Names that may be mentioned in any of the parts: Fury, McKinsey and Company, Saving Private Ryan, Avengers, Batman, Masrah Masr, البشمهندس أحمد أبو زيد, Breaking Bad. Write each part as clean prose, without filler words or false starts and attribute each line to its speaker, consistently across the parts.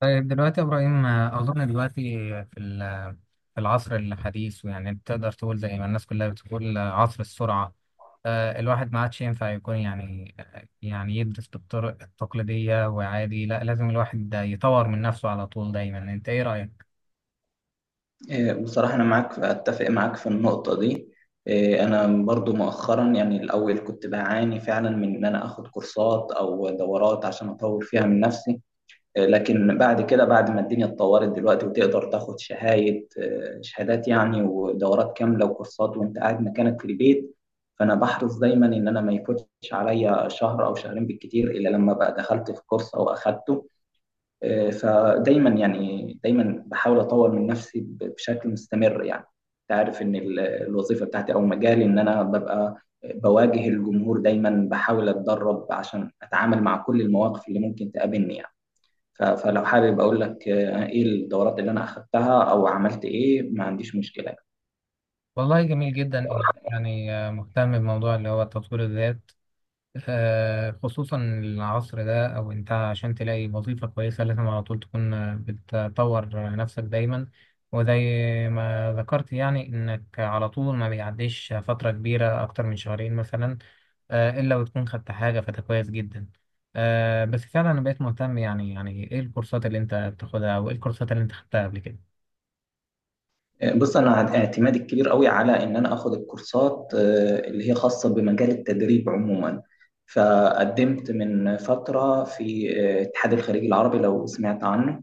Speaker 1: طيب دلوقتي يا إبراهيم، أظن دلوقتي في ال- في العصر الحديث. يعني تقدر تقول زي ما الناس كلها بتقول عصر السرعة. الواحد ما عادش ينفع يكون يعني يدرس بالطرق التقليدية، وعادي لا، لازم الواحد ده يطور من نفسه على طول دايما. أنت إيه رأيك؟
Speaker 2: إيه، بصراحة أنا أتفق معاك في النقطة دي. إيه، أنا برضو مؤخرا، يعني الأول كنت بعاني فعلا من إن أنا آخد كورسات أو دورات عشان أطور فيها من نفسي. إيه، لكن بعد كده، بعد ما الدنيا اتطورت دلوقتي، وتقدر تاخد شهايد شهادات يعني، ودورات كاملة وكورسات وأنت قاعد مكانك في البيت. فأنا بحرص دايما إن أنا ما يفوتش عليا شهر أو شهرين بالكتير إلا لما بقى دخلت في كورس أو أخدته. فدايما، يعني دايما، بحاول اطور من نفسي بشكل مستمر يعني. انت عارف ان الوظيفه بتاعتي او مجالي، ان انا ببقى بواجه الجمهور دايما، بحاول اتدرب عشان اتعامل مع كل المواقف اللي ممكن تقابلني يعني. فلو حابب اقول لك ايه الدورات اللي انا اخدتها او عملت ايه، ما عنديش مشكله.
Speaker 1: والله جميل جدا إنك يعني مهتم بموضوع اللي هو تطوير الذات. خصوصا العصر ده، او انت عشان تلاقي وظيفة كويسة لازم على طول تكون بتطور نفسك دايما. وزي ما ذكرت يعني انك على طول ما بيعديش فترة كبيرة اكتر من شهرين مثلا الا وتكون خدت حاجة، فده كويس جدا. بس فعلا انا بقيت مهتم، يعني ايه الكورسات اللي انت بتاخدها او ايه الكورسات اللي انت خدتها قبل كده؟
Speaker 2: بص، انا اعتمادي الكبير قوي على ان انا اخد الكورسات اللي هي خاصه بمجال التدريب عموما. فقدمت من فتره في اتحاد الخليج العربي، لو سمعت عنه.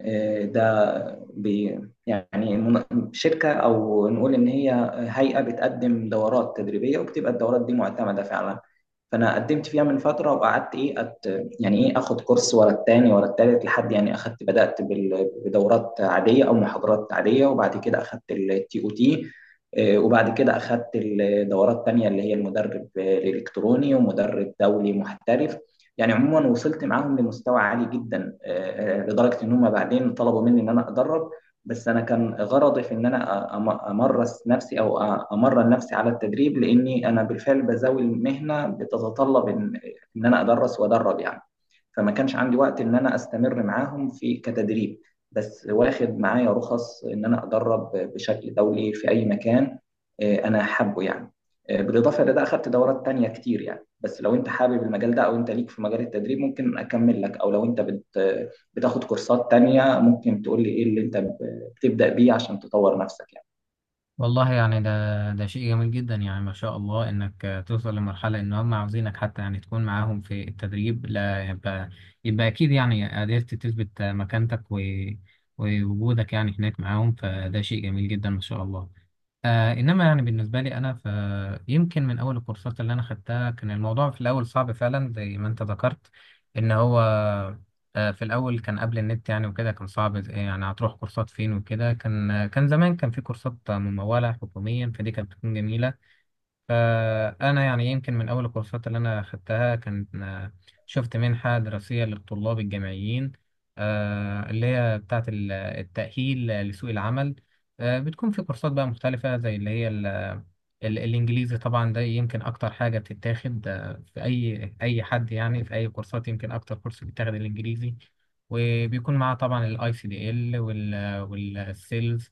Speaker 2: ده، بي- يعني المن- شركة، أو نقول إن هي هيئة بتقدم دورات تدريبية، وبتبقى الدورات دي معتمدة فعلا. فأنا قدمت فيها من فترة وقعدت إيه أت، يعني إيه، آخد كورس ورا التاني ورا التالت، لحد يعني أخدت، بدأت بدورات عادية أو محاضرات عادية، وبعد كده أخدت التي أو تي. وبعد كده أخدت الدورات تانية اللي هي المدرب الإلكتروني ومدرب دولي محترف يعني. عموما وصلت معاهم لمستوى عالي جدا، لدرجه ان هم بعدين طلبوا مني ان انا ادرب. بس انا كان غرضي في ان انا امرس نفسي، او امرن نفسي على التدريب، لاني انا بالفعل بزاوي المهنه بتتطلب ان ان انا ادرس وادرب يعني. فما كانش عندي وقت ان انا استمر معاهم في كتدريب، بس واخد معايا رخص ان انا ادرب بشكل دولي في اي مكان. انا حابه يعني. بالاضافه لده اخدت دورات تانية كتير يعني. بس لو انت حابب المجال ده او انت ليك في مجال التدريب، ممكن اكمل لك. او لو انت بت، بتاخد كورسات تانية، ممكن تقول لي ايه اللي انت تبدا بيه عشان تطور نفسك يعني.
Speaker 1: والله يعني ده شيء جميل جدا. يعني ما شاء الله انك توصل لمرحلة ان هم عاوزينك حتى يعني تكون معاهم في التدريب، لا، يبقى اكيد يعني قدرت تثبت مكانتك ووجودك يعني هناك معاهم، فده شيء جميل جدا ما شاء الله. انما يعني بالنسبه لي انا، فيمكن من اول الكورسات اللي انا خدتها كان الموضوع في الاول صعب فعلا زي ما انت ذكرت. ان هو في الاول كان قبل النت، يعني وكده كان صعب، يعني هتروح كورسات فين. وكده كان زمان كان في كورسات مموله حكوميا، فدي كانت بتكون جميله. أنا يعني يمكن من أول الكورسات اللي أنا خدتها كان شفت منحة دراسية للطلاب الجامعيين، اللي هي بتاعة التأهيل لسوق العمل. بتكون في كورسات بقى مختلفة زي اللي هي الإنجليزي، طبعا ده يمكن أكتر حاجة بتتاخد في أي حد. يعني في أي كورسات يمكن أكتر كورس بيتاخد الإنجليزي، وبيكون معاه طبعا الاي سي دي ال، والسيلز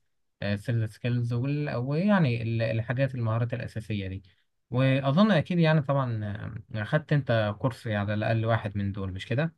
Speaker 1: سكيلز، ويعني ال- الحاجات المهارات الأساسية دي. واظن اكيد يعني طبعا اخدت انت كورس على الاقل واحد من دول، مش كده؟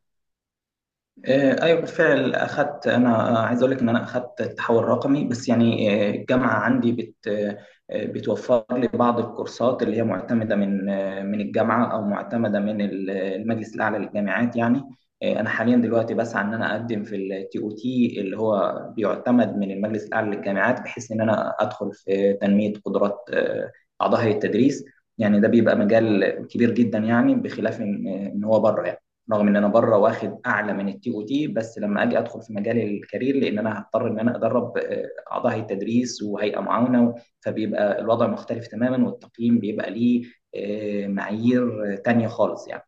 Speaker 2: ايوه بالفعل اخذت. انا عايز اقول لك ان انا اخذت التحول الرقمي، بس يعني الجامعه عندي بت، بتوفر لي بعض الكورسات اللي هي معتمده من، من الجامعه، او معتمده من المجلس الاعلى للجامعات يعني. انا حاليا دلوقتي بسعى ان انا اقدم في التي او تي، اللي هو بيعتمد من المجلس الاعلى للجامعات، بحيث ان انا ادخل في تنميه قدرات اعضاء هيئه التدريس. يعني ده بيبقى مجال كبير جدا يعني، بخلاف ان إن هو بره يعني. رغم ان انا بره واخد اعلى من التي او تي، بس لما اجي ادخل في مجال الكارير، لان انا هضطر ان انا ادرب اعضاء هيئه تدريس وهيئه معاونه، فبيبقى الوضع مختلف تماما، والتقييم بيبقى ليه معايير تانية خالص يعني.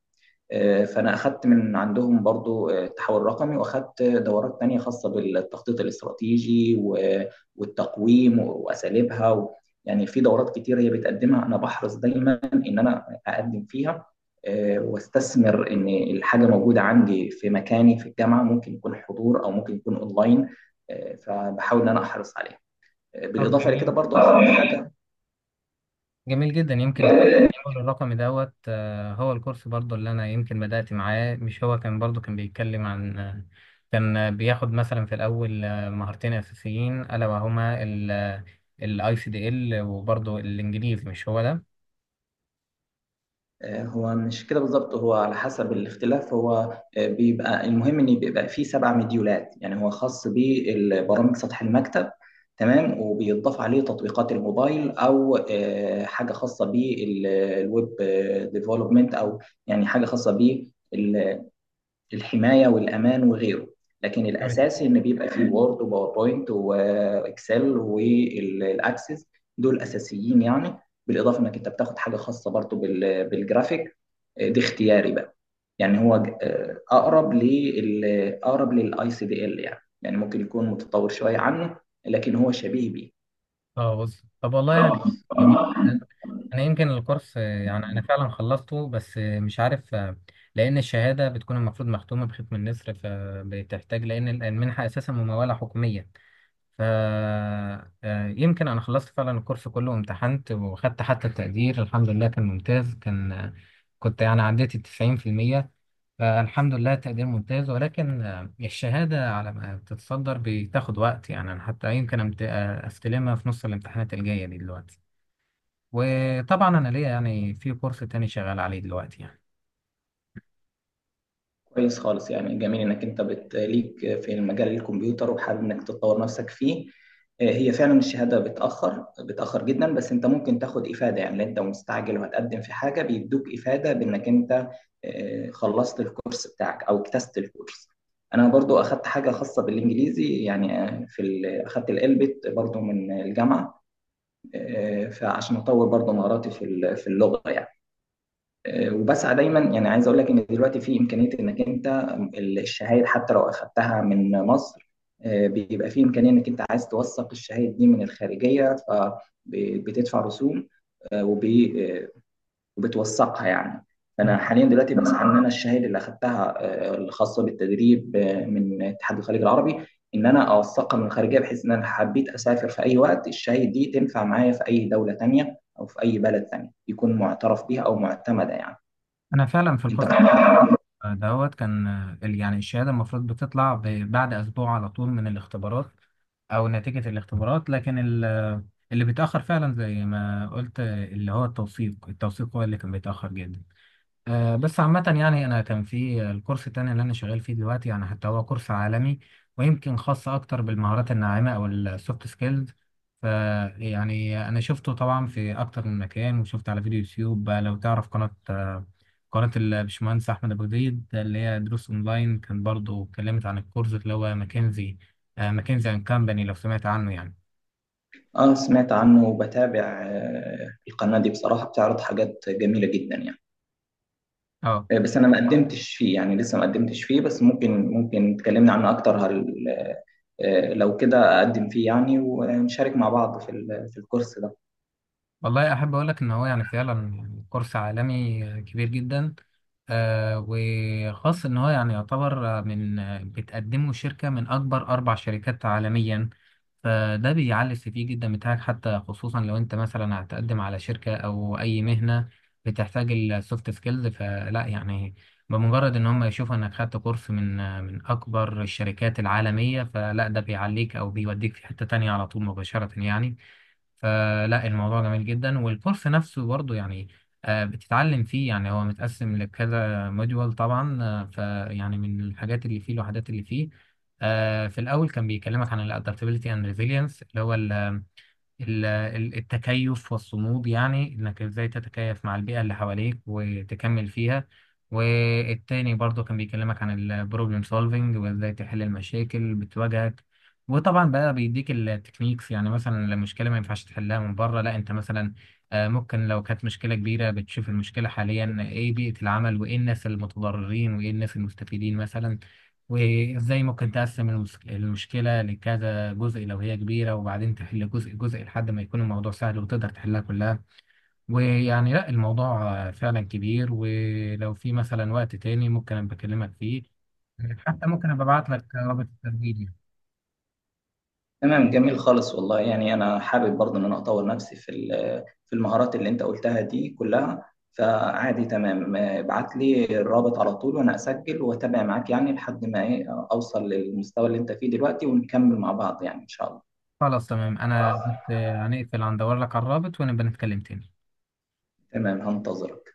Speaker 2: فانا اخدت من عندهم برضو التحول الرقمي، واخدت دورات تانية خاصه بالتخطيط الاستراتيجي و، والتقويم واساليبها و، يعني في دورات كتير هي بتقدمها. انا بحرص دايما ان انا اقدم فيها واستثمر ان الحاجه موجوده عندي في مكاني في الجامعه، ممكن يكون حضور او ممكن يكون اونلاين. فبحاول ان انا احرص عليها.
Speaker 1: طب
Speaker 2: بالاضافه لكده
Speaker 1: جميل،
Speaker 2: برضو اخد حاجه.
Speaker 1: جميل جدا. يمكن الكورس الرقمي دوت هو الكورس برضو اللي انا يمكن بدأت معاه، مش هو كان برضو كان بيتكلم عن كان بياخد مثلا في الاول مهارتين اساسيين الا وهما الاي سي دي ال وبرضو الانجليزي، مش هو ده؟
Speaker 2: هو مش كده بالظبط، هو على حسب الاختلاف. هو بيبقى المهم ان بيبقى فيه سبع مديولات، يعني هو خاص بالبرامج سطح المكتب. تمام، وبيضاف عليه تطبيقات الموبايل، او حاجه خاصه بالويب ديفلوبمنت، او يعني حاجه خاصه للحمايه والامان وغيره. لكن
Speaker 1: جميل.
Speaker 2: الاساسي ان بيبقى فيه وورد وباوربوينت واكسل والاكسس، دول اساسيين يعني. بالاضافه انك انت بتاخد حاجه خاصه برضو بالجرافيك، دي اختياري بقى يعني. اقرب لل اقرب للاي سي دي ال، يعني ممكن يكون متطور شويه عنه، لكن هو شبيه بيه.
Speaker 1: اه، بص طب، والله يعني جميل. انا يمكن الكورس يعني انا فعلا خلصته، بس مش عارف لان الشهاده بتكون المفروض مختومه بختم النسر، فبتحتاج لان المنحه اساسا مموله حكوميه. ف آه، يمكن انا خلصت فعلا الكورس كله وامتحنت، وخدت حتى التقدير الحمد لله كان ممتاز. كان آه، كنت يعني عديت ال 90%. فالحمد لله تقدير ممتاز، ولكن الشهاده على ما تتصدر بتاخد وقت. يعني انا حتى يمكن استلمها في نص الامتحانات الجايه دي دلوقتي. وطبعا انا ليا يعني في كورس تاني شغال عليه دلوقتي يعني.
Speaker 2: كويس خالص يعني. جميل انك انت ليك في المجال الكمبيوتر وحابب انك تطور نفسك فيه. هي فعلا الشهاده بتاخر بتاخر جدا. بس انت ممكن تاخد افاده يعني، لو انت مستعجل وهتقدم في حاجه بيدوك افاده بانك انت خلصت الكورس بتاعك او اجتزت الكورس. انا برضو اخدت حاجه خاصه بالانجليزي يعني. اخدت الالبت برضو من الجامعه. فعشان اطور برضو مهاراتي في اللغه يعني. وبسعى دايما، يعني عايز اقول لك ان دلوقتي في امكانيه انك انت الشهايد حتى لو اخذتها من مصر، بيبقى في امكانيه انك انت عايز توثق الشهايد دي من الخارجيه فبتدفع رسوم، آه، وب- آه، وبتوثقها يعني. فانا حاليا دلوقتي بسعى ان انا الشهاده اللي اخذتها الخاصه بالتدريب من اتحاد الخليج العربي، ان انا اوثقها من الخارجيه، بحيث ان انا حبيت اسافر في اي وقت، الشهاده دي تنفع معايا في اي دوله تانيه او في اي بلد تاني، يكون معترف بيها او معتمده يعني.
Speaker 1: انا فعلا في
Speaker 2: انت
Speaker 1: الكورس
Speaker 2: بتتابع؟
Speaker 1: دوت يعني الشهاده المفروض بتطلع بعد اسبوع على طول من الاختبارات او نتيجه الاختبارات، لكن اللي بيتاخر فعلا زي ما قلت اللي هو التوثيق. هو اللي كان بيتاخر جدا. بس عامة يعني أنا كان في الكورس التاني اللي أنا شغال فيه دلوقتي يعني حتى هو كورس عالمي، ويمكن خاص أكتر بالمهارات الناعمة أو السوفت سكيلز. فيعني أنا شفته طبعا في أكتر من مكان، وشفت على فيديو يوتيوب. لو تعرف قناة قناة البشمهندس أحمد أبو زيد اللي هي دروس أونلاين، كان برضه اتكلمت عن الكورس اللي هو ماكنزي أند كامباني، لو سمعت عنه يعني.
Speaker 2: اه، سمعت عنه وبتابع القناة دي، بصراحة بتعرض حاجات جميلة جدا يعني.
Speaker 1: اه،
Speaker 2: بس انا ما قدمتش فيه يعني، لسه ما قدمتش فيه، بس ممكن، تكلمنا عنه اكتر، هل لو كده اقدم فيه يعني، ونشارك مع بعض في الكورس ده.
Speaker 1: والله احب اقول لك ان هو يعني فعلا يعني كورس عالمي كبير جدا. وخاص ان هو يعني يعتبر من بتقدمه شركة من اكبر اربع شركات عالميا. فده بيعلي السي في جدا بتاعك حتى، خصوصا لو انت مثلا هتقدم على شركة او اي مهنة بتحتاج السوفت سكيلز، فلا يعني بمجرد ان هم يشوفوا انك خدت كورس من اكبر الشركات العالمية، فلا ده بيعليك او بيوديك في حتة تانية على طول مباشرة يعني. فلا الموضوع جميل جدا، والكورس نفسه برضو يعني بتتعلم فيه. يعني هو متقسم لكذا موديول طبعا. فيعني من الحاجات اللي فيه الوحدات اللي فيه في الأول كان بيكلمك عن ال adaptability and resilience، اللي هو التكيف والصمود، يعني انك ازاي تتكيف مع البيئة اللي حواليك وتكمل فيها. والتاني برضه كان بيكلمك عن البروبلم سولفينج وازاي تحل المشاكل بتواجهك. وطبعا بقى بيديك التكنيكس، يعني مثلا لو مشكلة ما ينفعش تحلها من بره، لا انت مثلا ممكن لو كانت مشكلة كبيرة بتشوف المشكلة حاليا، ايه بيئة العمل، وايه الناس المتضررين، وايه الناس المستفيدين مثلا، وازاي ممكن تقسم المشكلة لكذا جزء لو هي كبيرة، وبعدين تحل جزء جزء لحد ما يكون الموضوع سهل، وتقدر تحلها كلها. ويعني لا الموضوع فعلا كبير، ولو في مثلا وقت تاني ممكن أبقى أكلمك فيه، حتى ممكن أبقى أبعت لك رابط التسجيل يعني.
Speaker 2: تمام، جميل خالص والله يعني. انا حابب برضه ان انا اطور نفسي في المهارات اللي انت قلتها دي كلها. فعادي تمام، ابعت لي الرابط على طول وانا اسجل واتابع معاك يعني، لحد ما ايه، اوصل للمستوى اللي انت فيه دلوقتي، ونكمل مع بعض يعني ان شاء الله.
Speaker 1: خلاص تمام، أنا هنقفل هندور لك على الرابط، ونبقى نتكلم تاني
Speaker 2: تمام، هنتظرك.